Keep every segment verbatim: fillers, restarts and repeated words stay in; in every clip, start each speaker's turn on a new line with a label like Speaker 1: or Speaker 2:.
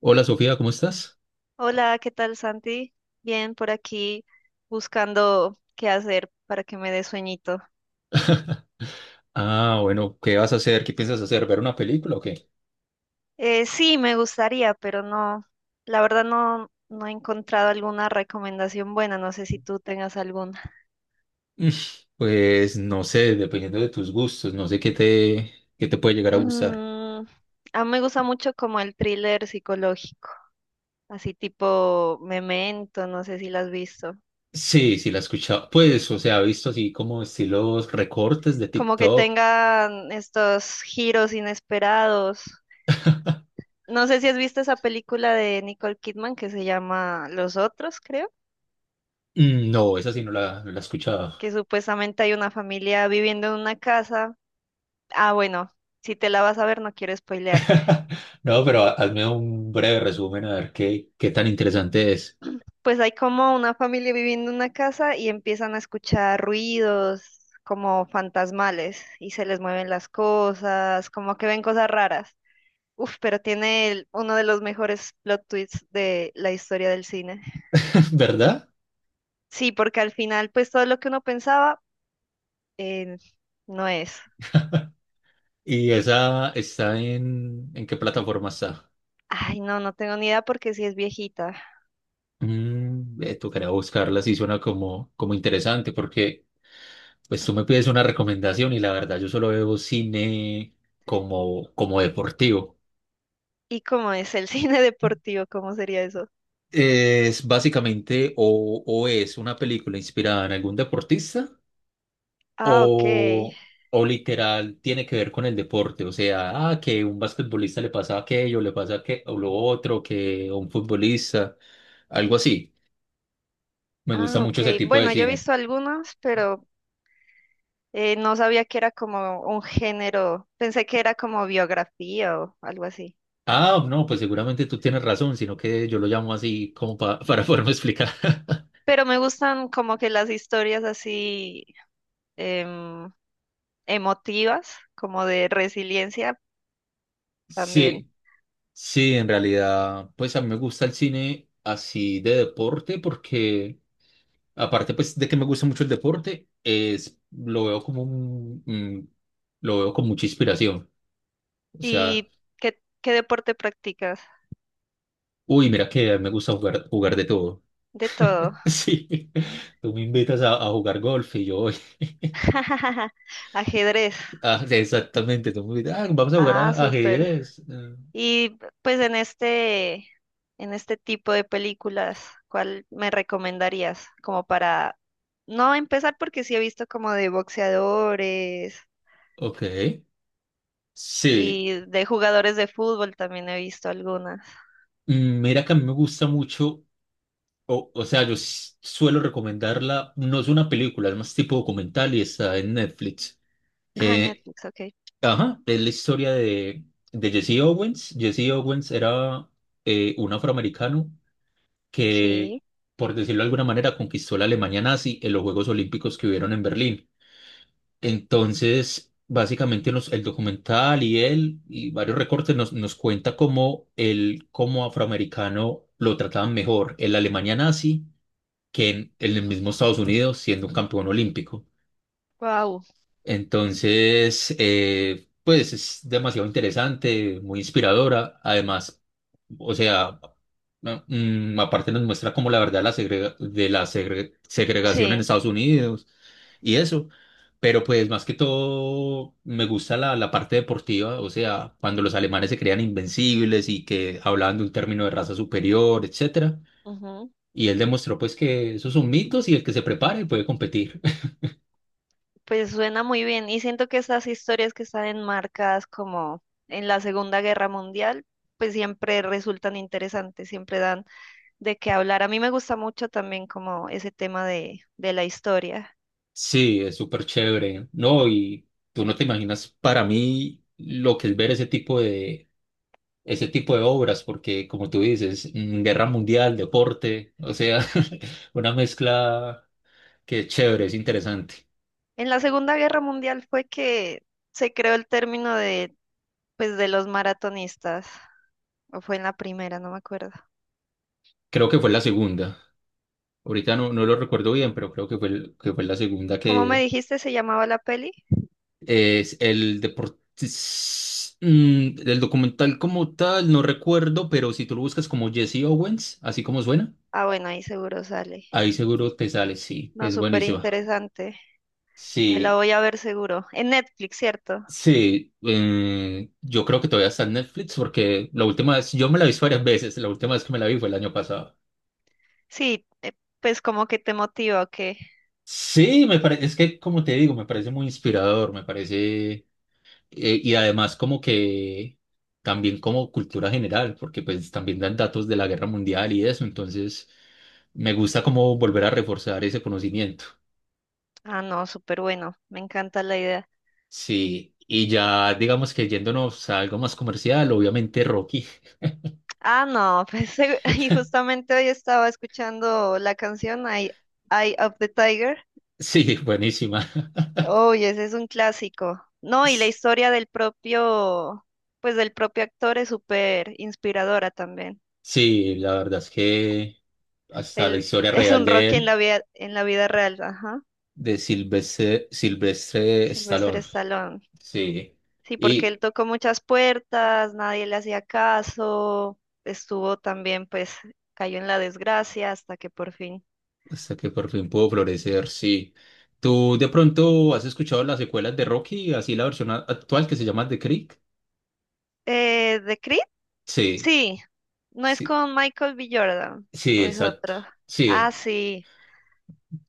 Speaker 1: Hola Sofía, ¿cómo estás?
Speaker 2: Hola, ¿qué tal, Santi? Bien, por aquí buscando qué hacer para que me dé sueñito.
Speaker 1: Ah, bueno, ¿qué vas a hacer? ¿Qué piensas hacer? ¿Ver una película o qué?
Speaker 2: Eh, sí, me gustaría, pero no, la verdad no, no he encontrado alguna recomendación buena, no sé si tú tengas alguna.
Speaker 1: Mm, Pues no sé, dependiendo de tus gustos, no sé qué te, qué te puede llegar a gustar.
Speaker 2: Mm, a mí me gusta mucho como el thriller psicológico, así tipo Memento, no sé si la has visto.
Speaker 1: Sí, sí, la he escuchado. Pues, o sea, he visto así como estilos recortes de
Speaker 2: Como que
Speaker 1: TikTok.
Speaker 2: tengan estos giros inesperados. No sé si has visto esa película de Nicole Kidman que se llama Los Otros, creo.
Speaker 1: Mm. No, esa sí no la, no la he escuchado.
Speaker 2: Que supuestamente hay una familia viviendo en una casa. Ah, bueno, si te la vas a ver, no quiero spoilearte.
Speaker 1: No, pero ha- hazme un breve resumen a ver qué, qué tan interesante es.
Speaker 2: Pues hay como una familia viviendo en una casa y empiezan a escuchar ruidos como fantasmales y se les mueven las cosas, como que ven cosas raras. Uf, pero tiene el- uno de los mejores plot twists de la historia del cine.
Speaker 1: ¿Verdad?
Speaker 2: Sí, porque al final, pues todo lo que uno pensaba, eh, no es.
Speaker 1: ¿Y esa está en, en qué plataforma está?
Speaker 2: Ay, no, no tengo ni idea porque sí es viejita.
Speaker 1: Mm, eh, tocaría buscarla, sí suena como, como interesante, porque pues tú me pides una recomendación y la verdad yo solo veo cine como, como deportivo.
Speaker 2: ¿Y cómo es el cine deportivo? ¿Cómo sería eso?
Speaker 1: Es básicamente o, o es una película inspirada en algún deportista
Speaker 2: Ah, ok.
Speaker 1: o, o literal tiene que ver con el deporte, o sea, ah, que un basquetbolista le pasa aquello, le pasa que, o lo otro, que a un futbolista, algo así. Me gusta
Speaker 2: Ah,
Speaker 1: mucho ese
Speaker 2: ok.
Speaker 1: tipo de
Speaker 2: Bueno, yo he
Speaker 1: cine.
Speaker 2: visto algunos, pero eh, no sabía que era como un género. Pensé que era como biografía o algo así.
Speaker 1: Ah, no, pues seguramente tú tienes razón, sino que yo lo llamo así como pa- para poderme explicar.
Speaker 2: Pero me gustan como que las historias así em, emotivas, como de resiliencia también.
Speaker 1: Sí, sí, en realidad, pues a mí me gusta el cine así de deporte porque, aparte pues de que me gusta mucho el deporte, es, lo veo como un, mm, lo veo con mucha inspiración. O sea,
Speaker 2: ¿Y qué, qué deporte practicas?
Speaker 1: uy, mira que me gusta jugar, jugar de todo.
Speaker 2: De todo.
Speaker 1: Sí, tú me invitas a, a jugar golf y yo voy.
Speaker 2: Ajedrez.
Speaker 1: Ah, exactamente, tú me invitas, ah, vamos a jugar
Speaker 2: Ah,
Speaker 1: a
Speaker 2: súper.
Speaker 1: ajedrez. Ah,
Speaker 2: Y pues en este, en este tipo de películas, ¿cuál me recomendarías? Como para no empezar, porque sí he visto como de boxeadores
Speaker 1: ok. Sí,
Speaker 2: y de jugadores de fútbol también he visto algunas.
Speaker 1: mm, mira que a mí me gusta mucho, o, o sea, yo s- suelo recomendarla, no es una película, es más tipo documental y está en Netflix.
Speaker 2: Ah, en
Speaker 1: Eh,
Speaker 2: Netflix, ok.
Speaker 1: ajá, es la historia de, de Jesse Owens. Jesse Owens era eh, un afroamericano que,
Speaker 2: Sí.
Speaker 1: por decirlo de alguna manera, conquistó la Alemania nazi en los Juegos Olímpicos que hubieron en Berlín. Entonces, básicamente nos- el documental y él y varios recortes nos, nos cuenta cómo él como afroamericano lo trataban mejor en la Alemania nazi que en, en el mismo Estados Unidos siendo un campeón olímpico.
Speaker 2: Wow.
Speaker 1: Entonces, eh, pues es demasiado interesante, muy inspiradora. Además, o sea, no, mm, aparte nos muestra como la verdad de la segrega- de la segre- segregación en
Speaker 2: Sí.
Speaker 1: Estados Unidos y eso. Pero pues más que todo me gusta la, la parte deportiva, o sea, cuando los alemanes se creían invencibles y que hablaban de un término de raza superior, etcétera.
Speaker 2: Ujú.
Speaker 1: Y él demostró pues que esos son mitos y el que se prepare puede competir.
Speaker 2: Pues suena muy bien. Y siento que estas historias que están enmarcadas como en la Segunda Guerra Mundial, pues siempre resultan interesantes, siempre dan de qué hablar. A mí me gusta mucho también como ese tema de, de la historia.
Speaker 1: Sí, es súper chévere, ¿no? Y tú no te imaginas para mí lo que es ver ese tipo de, ese tipo de obras, porque como tú dices, mm, guerra mundial, deporte, o sea, una mezcla que es chévere, es interesante.
Speaker 2: En la Segunda Guerra Mundial fue que se creó el término de, pues, de los maratonistas, o fue en la primera, no me acuerdo.
Speaker 1: Creo que fue la segunda. Ahorita no, no lo recuerdo bien, pero creo que fue, el- que fue la segunda
Speaker 2: ¿Cómo me
Speaker 1: que
Speaker 2: dijiste se llamaba la peli?
Speaker 1: es el deporte. El documental como tal, no recuerdo, pero si tú lo buscas como Jesse Owens, así como suena.
Speaker 2: Ah, bueno, ahí seguro sale.
Speaker 1: Ahí seguro te sale, sí,
Speaker 2: No,
Speaker 1: es
Speaker 2: súper
Speaker 1: buenísima.
Speaker 2: interesante. Me la
Speaker 1: Sí,
Speaker 2: voy a ver seguro. En Netflix, ¿cierto?
Speaker 1: sí, eh, yo creo que todavía está en Netflix porque la última vez, yo me la vi varias veces, la última vez que me la vi fue el año pasado.
Speaker 2: Sí, eh, pues como que te motiva, ¿o qué?
Speaker 1: Sí, me parece, es que como te digo, me parece muy inspirador, me parece, eh, Y además como que también como cultura general, porque pues también dan datos de la guerra mundial y eso, entonces me gusta como volver a reforzar ese conocimiento.
Speaker 2: Ah, no, súper bueno. Me encanta la idea.
Speaker 1: Sí, y ya digamos que yéndonos a algo más comercial, obviamente Rocky.
Speaker 2: Ah, no, pues y justamente hoy estaba escuchando la canción Eye, Eye of the Tiger.
Speaker 1: Sí, buenísima.
Speaker 2: Oh, y ese es un clásico. No, y la historia del propio, pues del propio actor es súper inspiradora también.
Speaker 1: Sí, la verdad es que hasta la
Speaker 2: Él
Speaker 1: historia
Speaker 2: es
Speaker 1: real
Speaker 2: un
Speaker 1: de
Speaker 2: Rocky en la
Speaker 1: él,
Speaker 2: vida, en la vida real, ajá.
Speaker 1: de Silvestre, Silvestre
Speaker 2: Sylvester
Speaker 1: Stallone.
Speaker 2: Stallone.
Speaker 1: Sí.
Speaker 2: Sí, porque él
Speaker 1: Y
Speaker 2: tocó muchas puertas, nadie le hacía caso, estuvo también, pues, cayó en la desgracia hasta que por fin.
Speaker 1: hasta que por fin pudo florecer, sí. ¿Tú de pronto has escuchado las secuelas de Rocky, así la versión a- actual que se llama The Creek?
Speaker 2: Eh, ¿de Creed?
Speaker 1: Sí,
Speaker 2: Sí, ¿no es
Speaker 1: sí,
Speaker 2: con Michael B. Jordan,
Speaker 1: sí,
Speaker 2: o es
Speaker 1: exacto.
Speaker 2: otro? Ah,
Speaker 1: Sí,
Speaker 2: sí,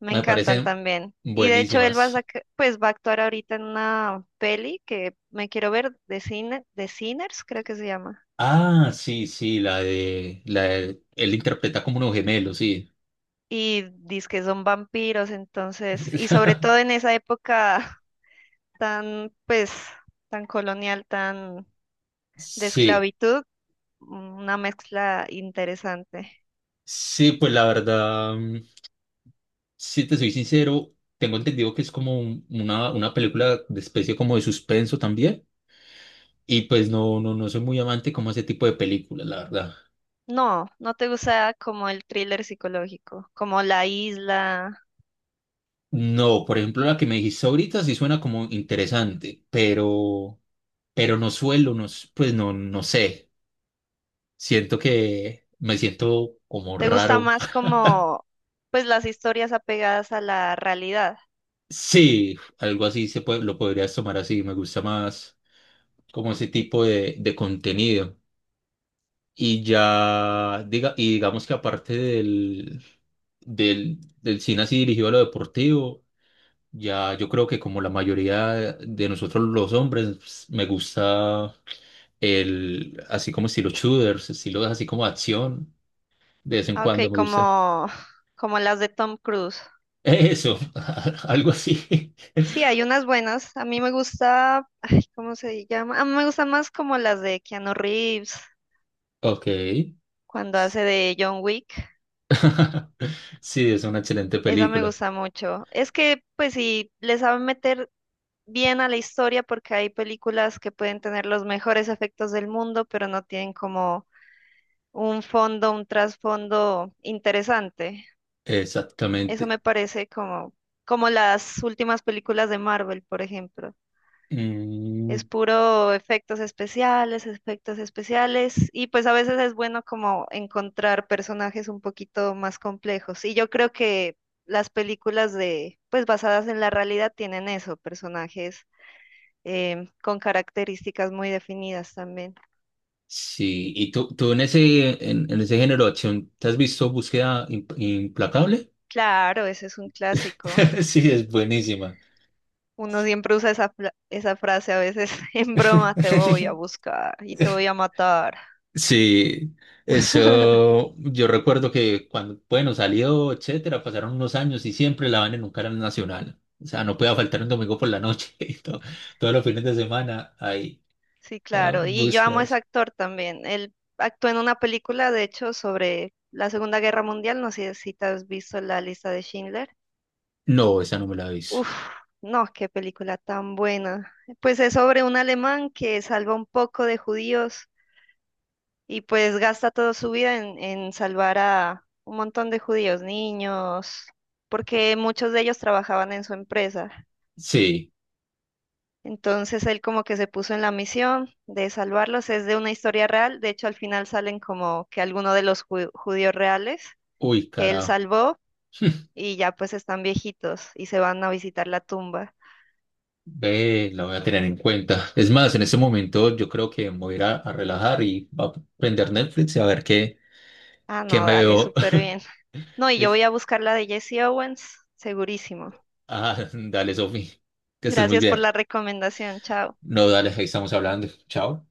Speaker 2: me
Speaker 1: me
Speaker 2: encantan
Speaker 1: parecen
Speaker 2: también. Y de hecho él va a
Speaker 1: buenísimas.
Speaker 2: saca- pues va a actuar ahorita en una peli que me quiero ver de cine, de Sinners, creo que se llama.
Speaker 1: Ah, sí, sí, la de, la de- él interpreta como unos gemelos, sí.
Speaker 2: Y dice que son vampiros, entonces, y sobre todo en esa época tan, pues, tan colonial, tan de
Speaker 1: Sí,
Speaker 2: esclavitud, mm, una mezcla interesante.
Speaker 1: sí, pues la verdad, mm, si te soy sincero, tengo entendido que es como un- una, una película de especie como de suspenso también. Y pues no, no, no soy muy amante como a ese tipo de películas, la verdad.
Speaker 2: ¿No, no te gusta como el thriller psicológico, como La Isla?
Speaker 1: No, por ejemplo, la que me dijiste ahorita sí suena como interesante, pero, pero no suelo, no, s- pues no, no sé. Siento que me siento como
Speaker 2: ¿Te gusta
Speaker 1: raro.
Speaker 2: más como, pues, las historias apegadas a la realidad?
Speaker 1: Sí, algo así se puede, lo podrías tomar así, me gusta más como ese tipo de, de contenido. Y ya, diga, y digamos que aparte del, del, del cine así dirigido a lo deportivo, ya yo creo que como la mayoría de nosotros los hombres, pues, me gusta el, así como estilo shooters, estilo así como acción, de vez en
Speaker 2: Ah, ok,
Speaker 1: cuando me gusta.
Speaker 2: como como las de Tom Cruise.
Speaker 1: Eso, algo así.
Speaker 2: Sí, hay unas buenas. A mí me gusta, ay, ¿cómo se llama? A mí me gusta más como las de Keanu Reeves,
Speaker 1: Ok.
Speaker 2: cuando hace de John Wick.
Speaker 1: Sí, es una excelente
Speaker 2: Esa me
Speaker 1: película.
Speaker 2: gusta mucho. Es que, pues, sí, le saben meter bien a la historia, porque hay películas que pueden tener los mejores efectos del mundo, pero no tienen como un fondo, un trasfondo interesante. Eso
Speaker 1: Exactamente.
Speaker 2: me parece como, como las últimas películas de Marvel, por ejemplo.
Speaker 1: Mm.
Speaker 2: Es puro efectos especiales, efectos especiales, y pues a veces es bueno como encontrar personajes un poquito más complejos. Y yo creo que las películas de, pues basadas en la realidad tienen eso, personajes em, con características muy definidas también.
Speaker 1: Sí, y tú, tú en ese, en, en ese género de acción, ¿te has visto Búsqueda Im- Implacable?
Speaker 2: Claro, ese es un clásico.
Speaker 1: Sí, es buenísima.
Speaker 2: Uno siempre usa esa, fla- esa frase a veces en broma: te voy a buscar y te voy a matar.
Speaker 1: Sí, eso yo recuerdo que cuando, bueno, salió, etcétera, pasaron unos años y siempre la van en un canal nacional. O sea, no podía faltar un domingo por la noche y todo- todos los fines de semana ahí,
Speaker 2: Sí,
Speaker 1: ah,
Speaker 2: claro. Y yo amo a ese
Speaker 1: búsquedas.
Speaker 2: actor también. Él actuó en una película, de hecho, sobre la Segunda Guerra Mundial. No sé si te has visto La Lista de Schindler.
Speaker 1: No, esa no me la aviso.
Speaker 2: Uf, no, qué película tan buena. Pues es sobre un alemán que salva un poco de judíos y pues gasta toda su vida en, en salvar a un montón de judíos, niños, porque muchos de ellos trabajaban en su empresa.
Speaker 1: Sí,
Speaker 2: Entonces él como que se puso en la misión de salvarlos. Es de una historia real. De hecho, al final salen como que algunos de los ju- judíos reales
Speaker 1: uy,
Speaker 2: que él
Speaker 1: carajo.
Speaker 2: salvó y ya pues están viejitos y se van a visitar la tumba.
Speaker 1: Ve, la voy a tener en cuenta. Es más, en ese momento yo creo que me voy a ir a, a relajar y voy a prender Netflix y a ver qué,
Speaker 2: Ah,
Speaker 1: qué
Speaker 2: no,
Speaker 1: me
Speaker 2: dale,
Speaker 1: veo.
Speaker 2: súper bien. No, y yo
Speaker 1: Listo.
Speaker 2: voy a buscar la de Jesse Owens, segurísimo.
Speaker 1: Ah, dale, Sofi. Que estés muy
Speaker 2: Gracias por
Speaker 1: bien.
Speaker 2: la recomendación. Chao.
Speaker 1: No, dale, ahí estamos hablando. Chao.